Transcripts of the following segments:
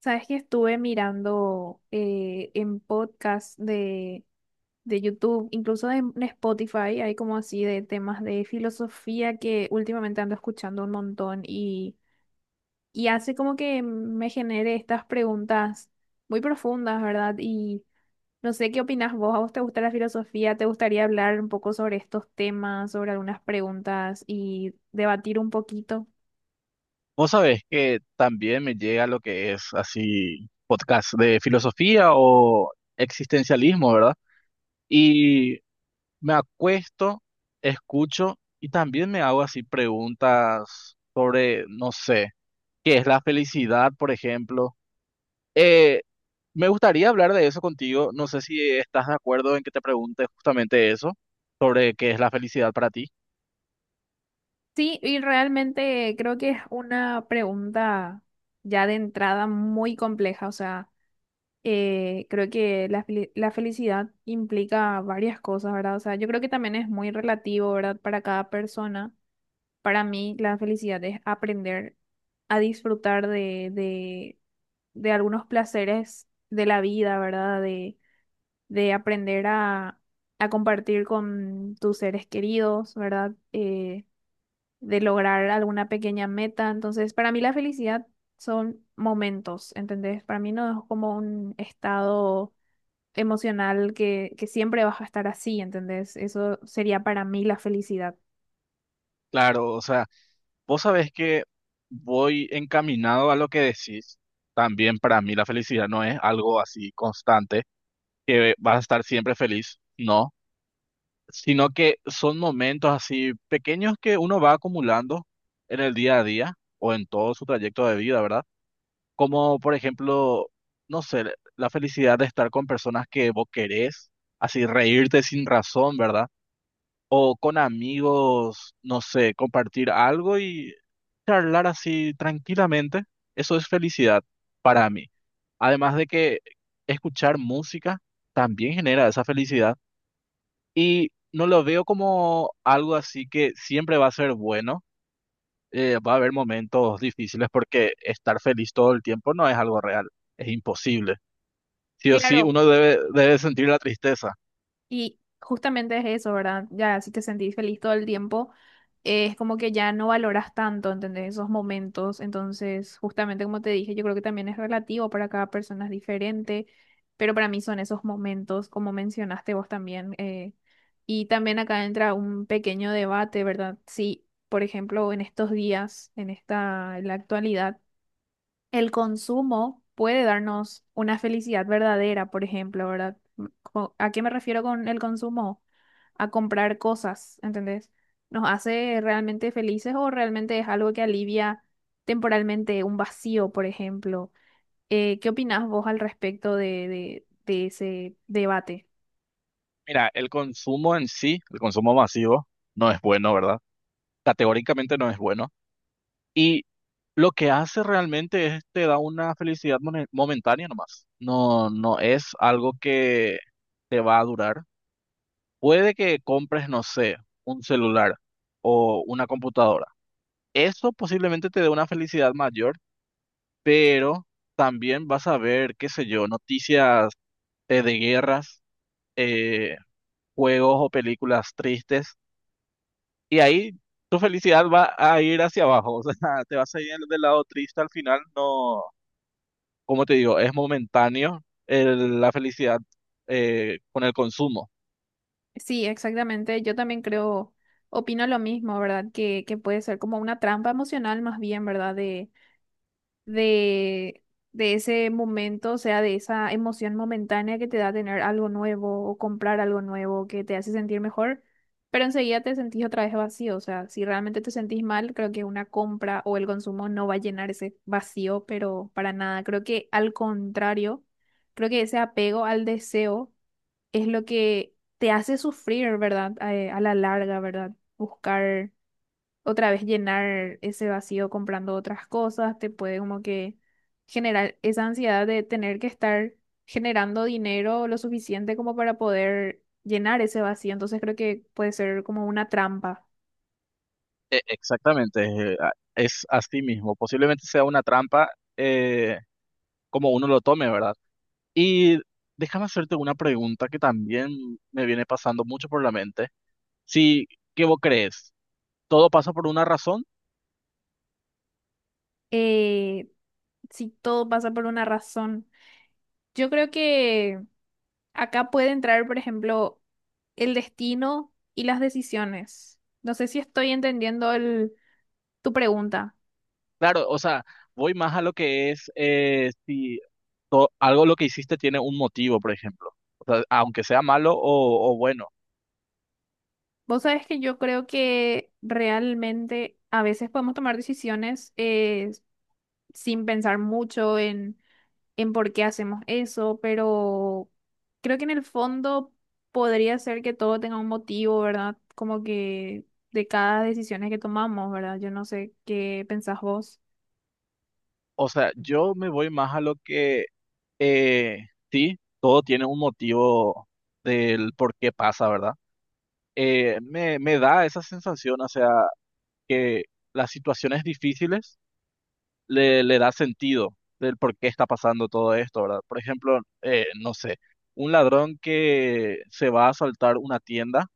Sabes que estuve mirando en podcast de YouTube, incluso en Spotify, hay como así de temas de filosofía que últimamente ando escuchando un montón y hace como que me genere estas preguntas muy profundas, ¿verdad? Y no sé qué opinas vos, ¿a vos te gusta la filosofía? ¿Te gustaría hablar un poco sobre estos temas, sobre algunas preguntas y debatir un poquito? Vos sabés que también me llega lo que es así podcast de filosofía o existencialismo, ¿verdad? Y me acuesto, escucho y también me hago así preguntas sobre, no sé, qué es la felicidad, por ejemplo. Eh, Me gustaría hablar de eso contigo. No sé si estás de acuerdo en que te pregunte justamente eso, sobre qué es la felicidad para ti. Sí, y realmente creo que es una pregunta ya de entrada muy compleja. O sea, creo que la felicidad implica varias cosas, ¿verdad? O sea, yo creo que también es muy relativo, ¿verdad? Para cada persona. Para mí, la felicidad es aprender a disfrutar de algunos placeres de la vida, ¿verdad? De aprender a compartir con tus seres queridos, ¿verdad? De lograr alguna pequeña meta. Entonces, para mí la felicidad son momentos, ¿entendés? Para mí no es como un estado emocional que siempre vas a estar así, ¿entendés? Eso sería para mí la felicidad. Claro, o sea. Vos sabés que voy encaminado a lo que decís. También para mí la felicidad no es algo así constante, que vas a estar siempre feliz, no, sino que son momentos así pequeños que uno va acumulando en el día a día o en todo su trayecto de vida, ¿verdad? Como por ejemplo, no sé, la felicidad de estar con personas que vos querés, así reírte sin razón, ¿verdad? O con amigos, no sé, compartir algo y charlar así tranquilamente, eso es felicidad para mí. Además de que escuchar música también genera esa felicidad y no lo veo como algo así que siempre va a ser bueno. Va a haber momentos difíciles porque estar feliz todo el tiempo no es algo real, es imposible. Sí o sí, Claro. uno debe sentir la tristeza. Y justamente es eso, ¿verdad? Ya si te sentís feliz todo el tiempo, es como que ya no valoras tanto, ¿entendés? Esos momentos. Entonces, justamente como te dije, yo creo que también es relativo para cada persona, es diferente, pero para mí son esos momentos, como mencionaste vos también. Y también acá entra un pequeño debate, ¿verdad? Si, por ejemplo, en estos días, en la actualidad, el consumo puede darnos una felicidad verdadera, por ejemplo, ¿verdad? ¿A qué me refiero con el consumo? A comprar cosas, ¿entendés? ¿Nos hace realmente felices o realmente es algo que alivia temporalmente un vacío, por ejemplo? ¿Qué opinás vos al respecto de, de ese debate? Mira, el consumo en sí, el consumo masivo, no es bueno, ¿verdad? Categóricamente no es bueno. Y lo que hace realmente es te da una felicidad momentánea nomás. No, no es algo que te va a durar. Puede que compres, no sé, un celular o una computadora. Eso posiblemente te dé una felicidad mayor, pero también vas a ver, qué sé yo, noticias, de guerras, eh, juegos o películas tristes. Y ahí tu felicidad va a ir hacia abajo, o sea, te vas a ir del lado triste al final, no, como te digo, es momentáneo la felicidad, con el consumo. Sí, exactamente. Yo también creo, opino lo mismo, ¿verdad? Que puede ser como una trampa emocional más bien, ¿verdad? de, de ese momento, o sea, de esa emoción momentánea que te da tener algo nuevo o comprar algo nuevo que te hace sentir mejor, pero enseguida te sentís otra vez vacío, o sea, si realmente te sentís mal, creo que una compra o el consumo no va a llenar ese vacío, pero para nada, creo que al contrario, creo que ese apego al deseo es lo que te hace sufrir, ¿verdad? A la larga, ¿verdad? Buscar otra vez llenar ese vacío comprando otras cosas, te puede como que generar esa ansiedad de tener que estar generando dinero lo suficiente como para poder llenar ese vacío. Entonces creo que puede ser como una trampa. Exactamente, es así mismo, posiblemente sea una trampa eh, como uno lo tome, ¿verdad? Y déjame hacerte una pregunta que también me viene pasando mucho por la mente. Si, ¿qué vos crees? ¿Todo pasa por una razón? Eh, si todo pasa por una razón. Yo creo que acá puede entrar, por ejemplo, el destino y las decisiones. No sé si estoy entendiendo tu pregunta. Claro, o sea, voy más a lo que es si algo lo que hiciste tiene un motivo, por ejemplo. O sea, aunque sea malo o bueno. Vos sabés que yo creo que realmente a veces podemos tomar decisiones sin pensar mucho en por qué hacemos eso, pero creo que en el fondo podría ser que todo tenga un motivo, ¿verdad? Como que de cada decisión que tomamos, ¿verdad? Yo no sé qué pensás vos. O sea, yo me voy más a lo que sí, todo tiene un motivo del por qué pasa, ¿verdad? Me da esa sensación, o sea, que las situaciones difíciles le da sentido del por qué está pasando todo esto, ¿verdad? Por ejemplo, no sé, un ladrón que se va a asaltar una tienda,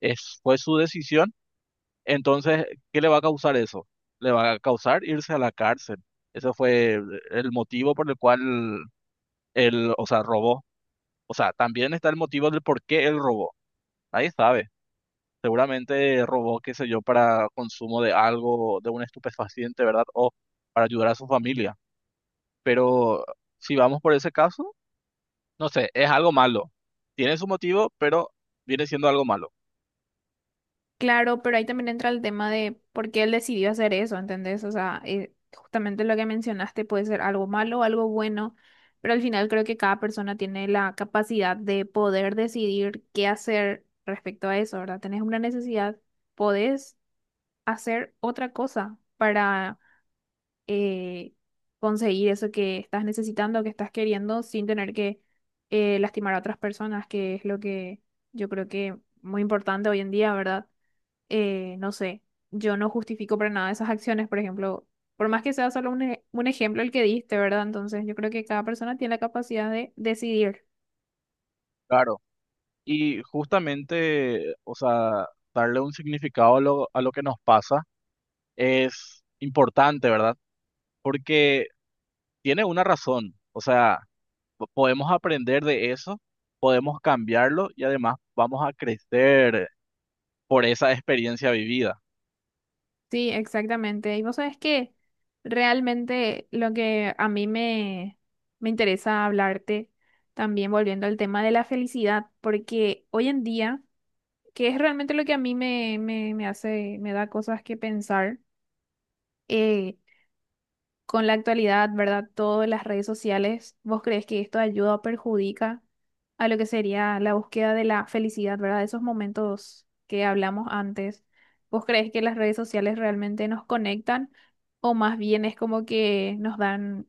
fue su decisión. Entonces, ¿qué le va a causar eso? Le va a causar irse a la cárcel. Ese fue el motivo por el cual él, o sea, robó. O sea, también está el motivo del por qué él robó. Nadie sabe. Seguramente robó, qué sé yo, para consumo de algo, de un estupefaciente, ¿verdad? O para ayudar a su familia. Pero si vamos por ese caso, no sé, es algo malo. Tiene su motivo, pero viene siendo algo malo. Claro, pero ahí también entra el tema de por qué él decidió hacer eso, ¿entendés? O sea, justamente lo que mencionaste puede ser algo malo o algo bueno, pero al final creo que cada persona tiene la capacidad de poder decidir qué hacer respecto a eso, ¿verdad? Tenés una necesidad, podés hacer otra cosa para eh, conseguir eso que estás necesitando, que estás queriendo, sin tener que lastimar a otras personas, que es lo que yo creo que muy importante hoy en día, ¿verdad? No sé, yo no justifico para nada esas acciones, por ejemplo, por más que sea solo un ejemplo el que diste, ¿verdad? Entonces yo creo que cada persona tiene la capacidad de decidir. Claro. Y justamente, o sea, darle un significado a lo que nos pasa es importante, ¿verdad? Porque tiene una razón, o sea, podemos aprender de eso, podemos cambiarlo y además vamos a crecer por esa experiencia vivida. Sí, exactamente. Y vos sabés que realmente lo que a mí me interesa hablarte, también volviendo al tema de la felicidad, porque hoy en día, que es realmente lo que a mí me hace, me da cosas que pensar, eh, con la actualidad, ¿verdad? Todas las redes sociales, ¿vos crees que esto ayuda o perjudica a lo que sería la búsqueda de la felicidad, ¿verdad? De esos momentos que hablamos antes. ¿Vos crees que las redes sociales realmente nos conectan o más bien es como que nos dan,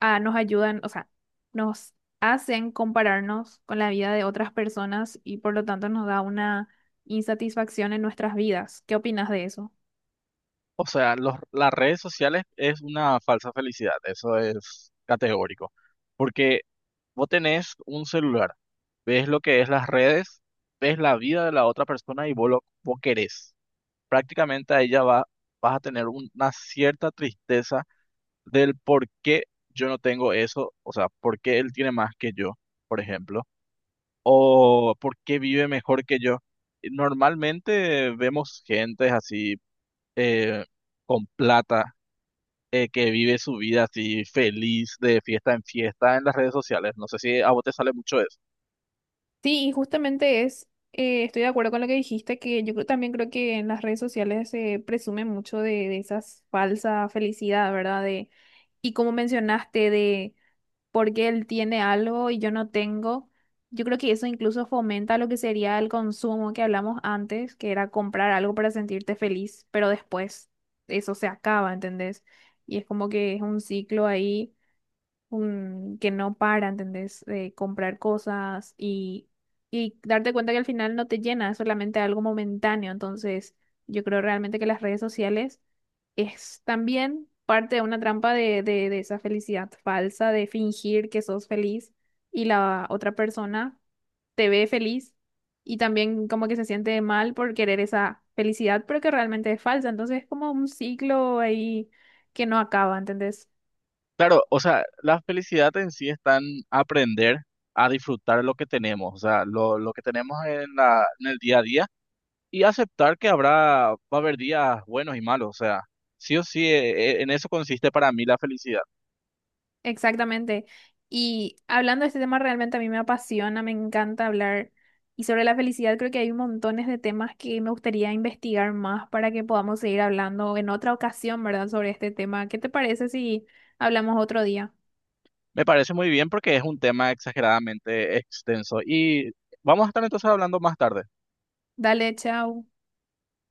ah, nos ayudan, o sea, nos hacen compararnos con la vida de otras personas y por lo tanto nos da una insatisfacción en nuestras vidas? ¿Qué opinas de eso? O sea, las redes sociales es una falsa felicidad, eso es categórico, porque vos tenés un celular, ves lo que es las redes, ves la vida de la otra persona y vos querés. Prácticamente a ella va, vas a tener una cierta tristeza del por qué yo no tengo eso, o sea, por qué él tiene más que yo, por ejemplo, o por qué vive mejor que yo. Normalmente vemos gente así eh, con plata, que vive su vida así feliz de fiesta en fiesta en las redes sociales. No sé si a vos te sale mucho eso. Sí, y justamente estoy de acuerdo con lo que dijiste, que yo creo, también creo que en las redes sociales se presume mucho de esa falsa felicidad, ¿verdad? De, y como mencionaste, de por qué él tiene algo y yo no tengo, yo creo que eso incluso fomenta lo que sería el consumo que hablamos antes, que era comprar algo para sentirte feliz, pero después eso se acaba, ¿entendés? Y es como que es un ciclo ahí que no para, ¿entendés? De comprar cosas y darte cuenta que al final no te llena, es solamente algo momentáneo. Entonces, yo creo realmente que las redes sociales es también parte de una trampa de esa felicidad falsa, de fingir que sos feliz y la otra persona te ve feliz y también como que se siente mal por querer esa felicidad, pero que realmente es falsa. Entonces, es como un ciclo ahí que no acaba, ¿entendés? Claro, o sea, la felicidad en sí está en aprender a disfrutar lo que tenemos en en el día a día y aceptar que va a haber días buenos y malos, o sea, sí o sí, en eso consiste para mí la felicidad. Exactamente. Y hablando de este tema, realmente a mí me apasiona, me encanta hablar. Y sobre la felicidad, creo que hay montones de temas que me gustaría investigar más para que podamos seguir hablando en otra ocasión, ¿verdad? Sobre este tema. ¿Qué te parece si hablamos otro día? Me parece muy bien porque es un tema exageradamente extenso y vamos a estar entonces hablando más tarde. Dale, chao.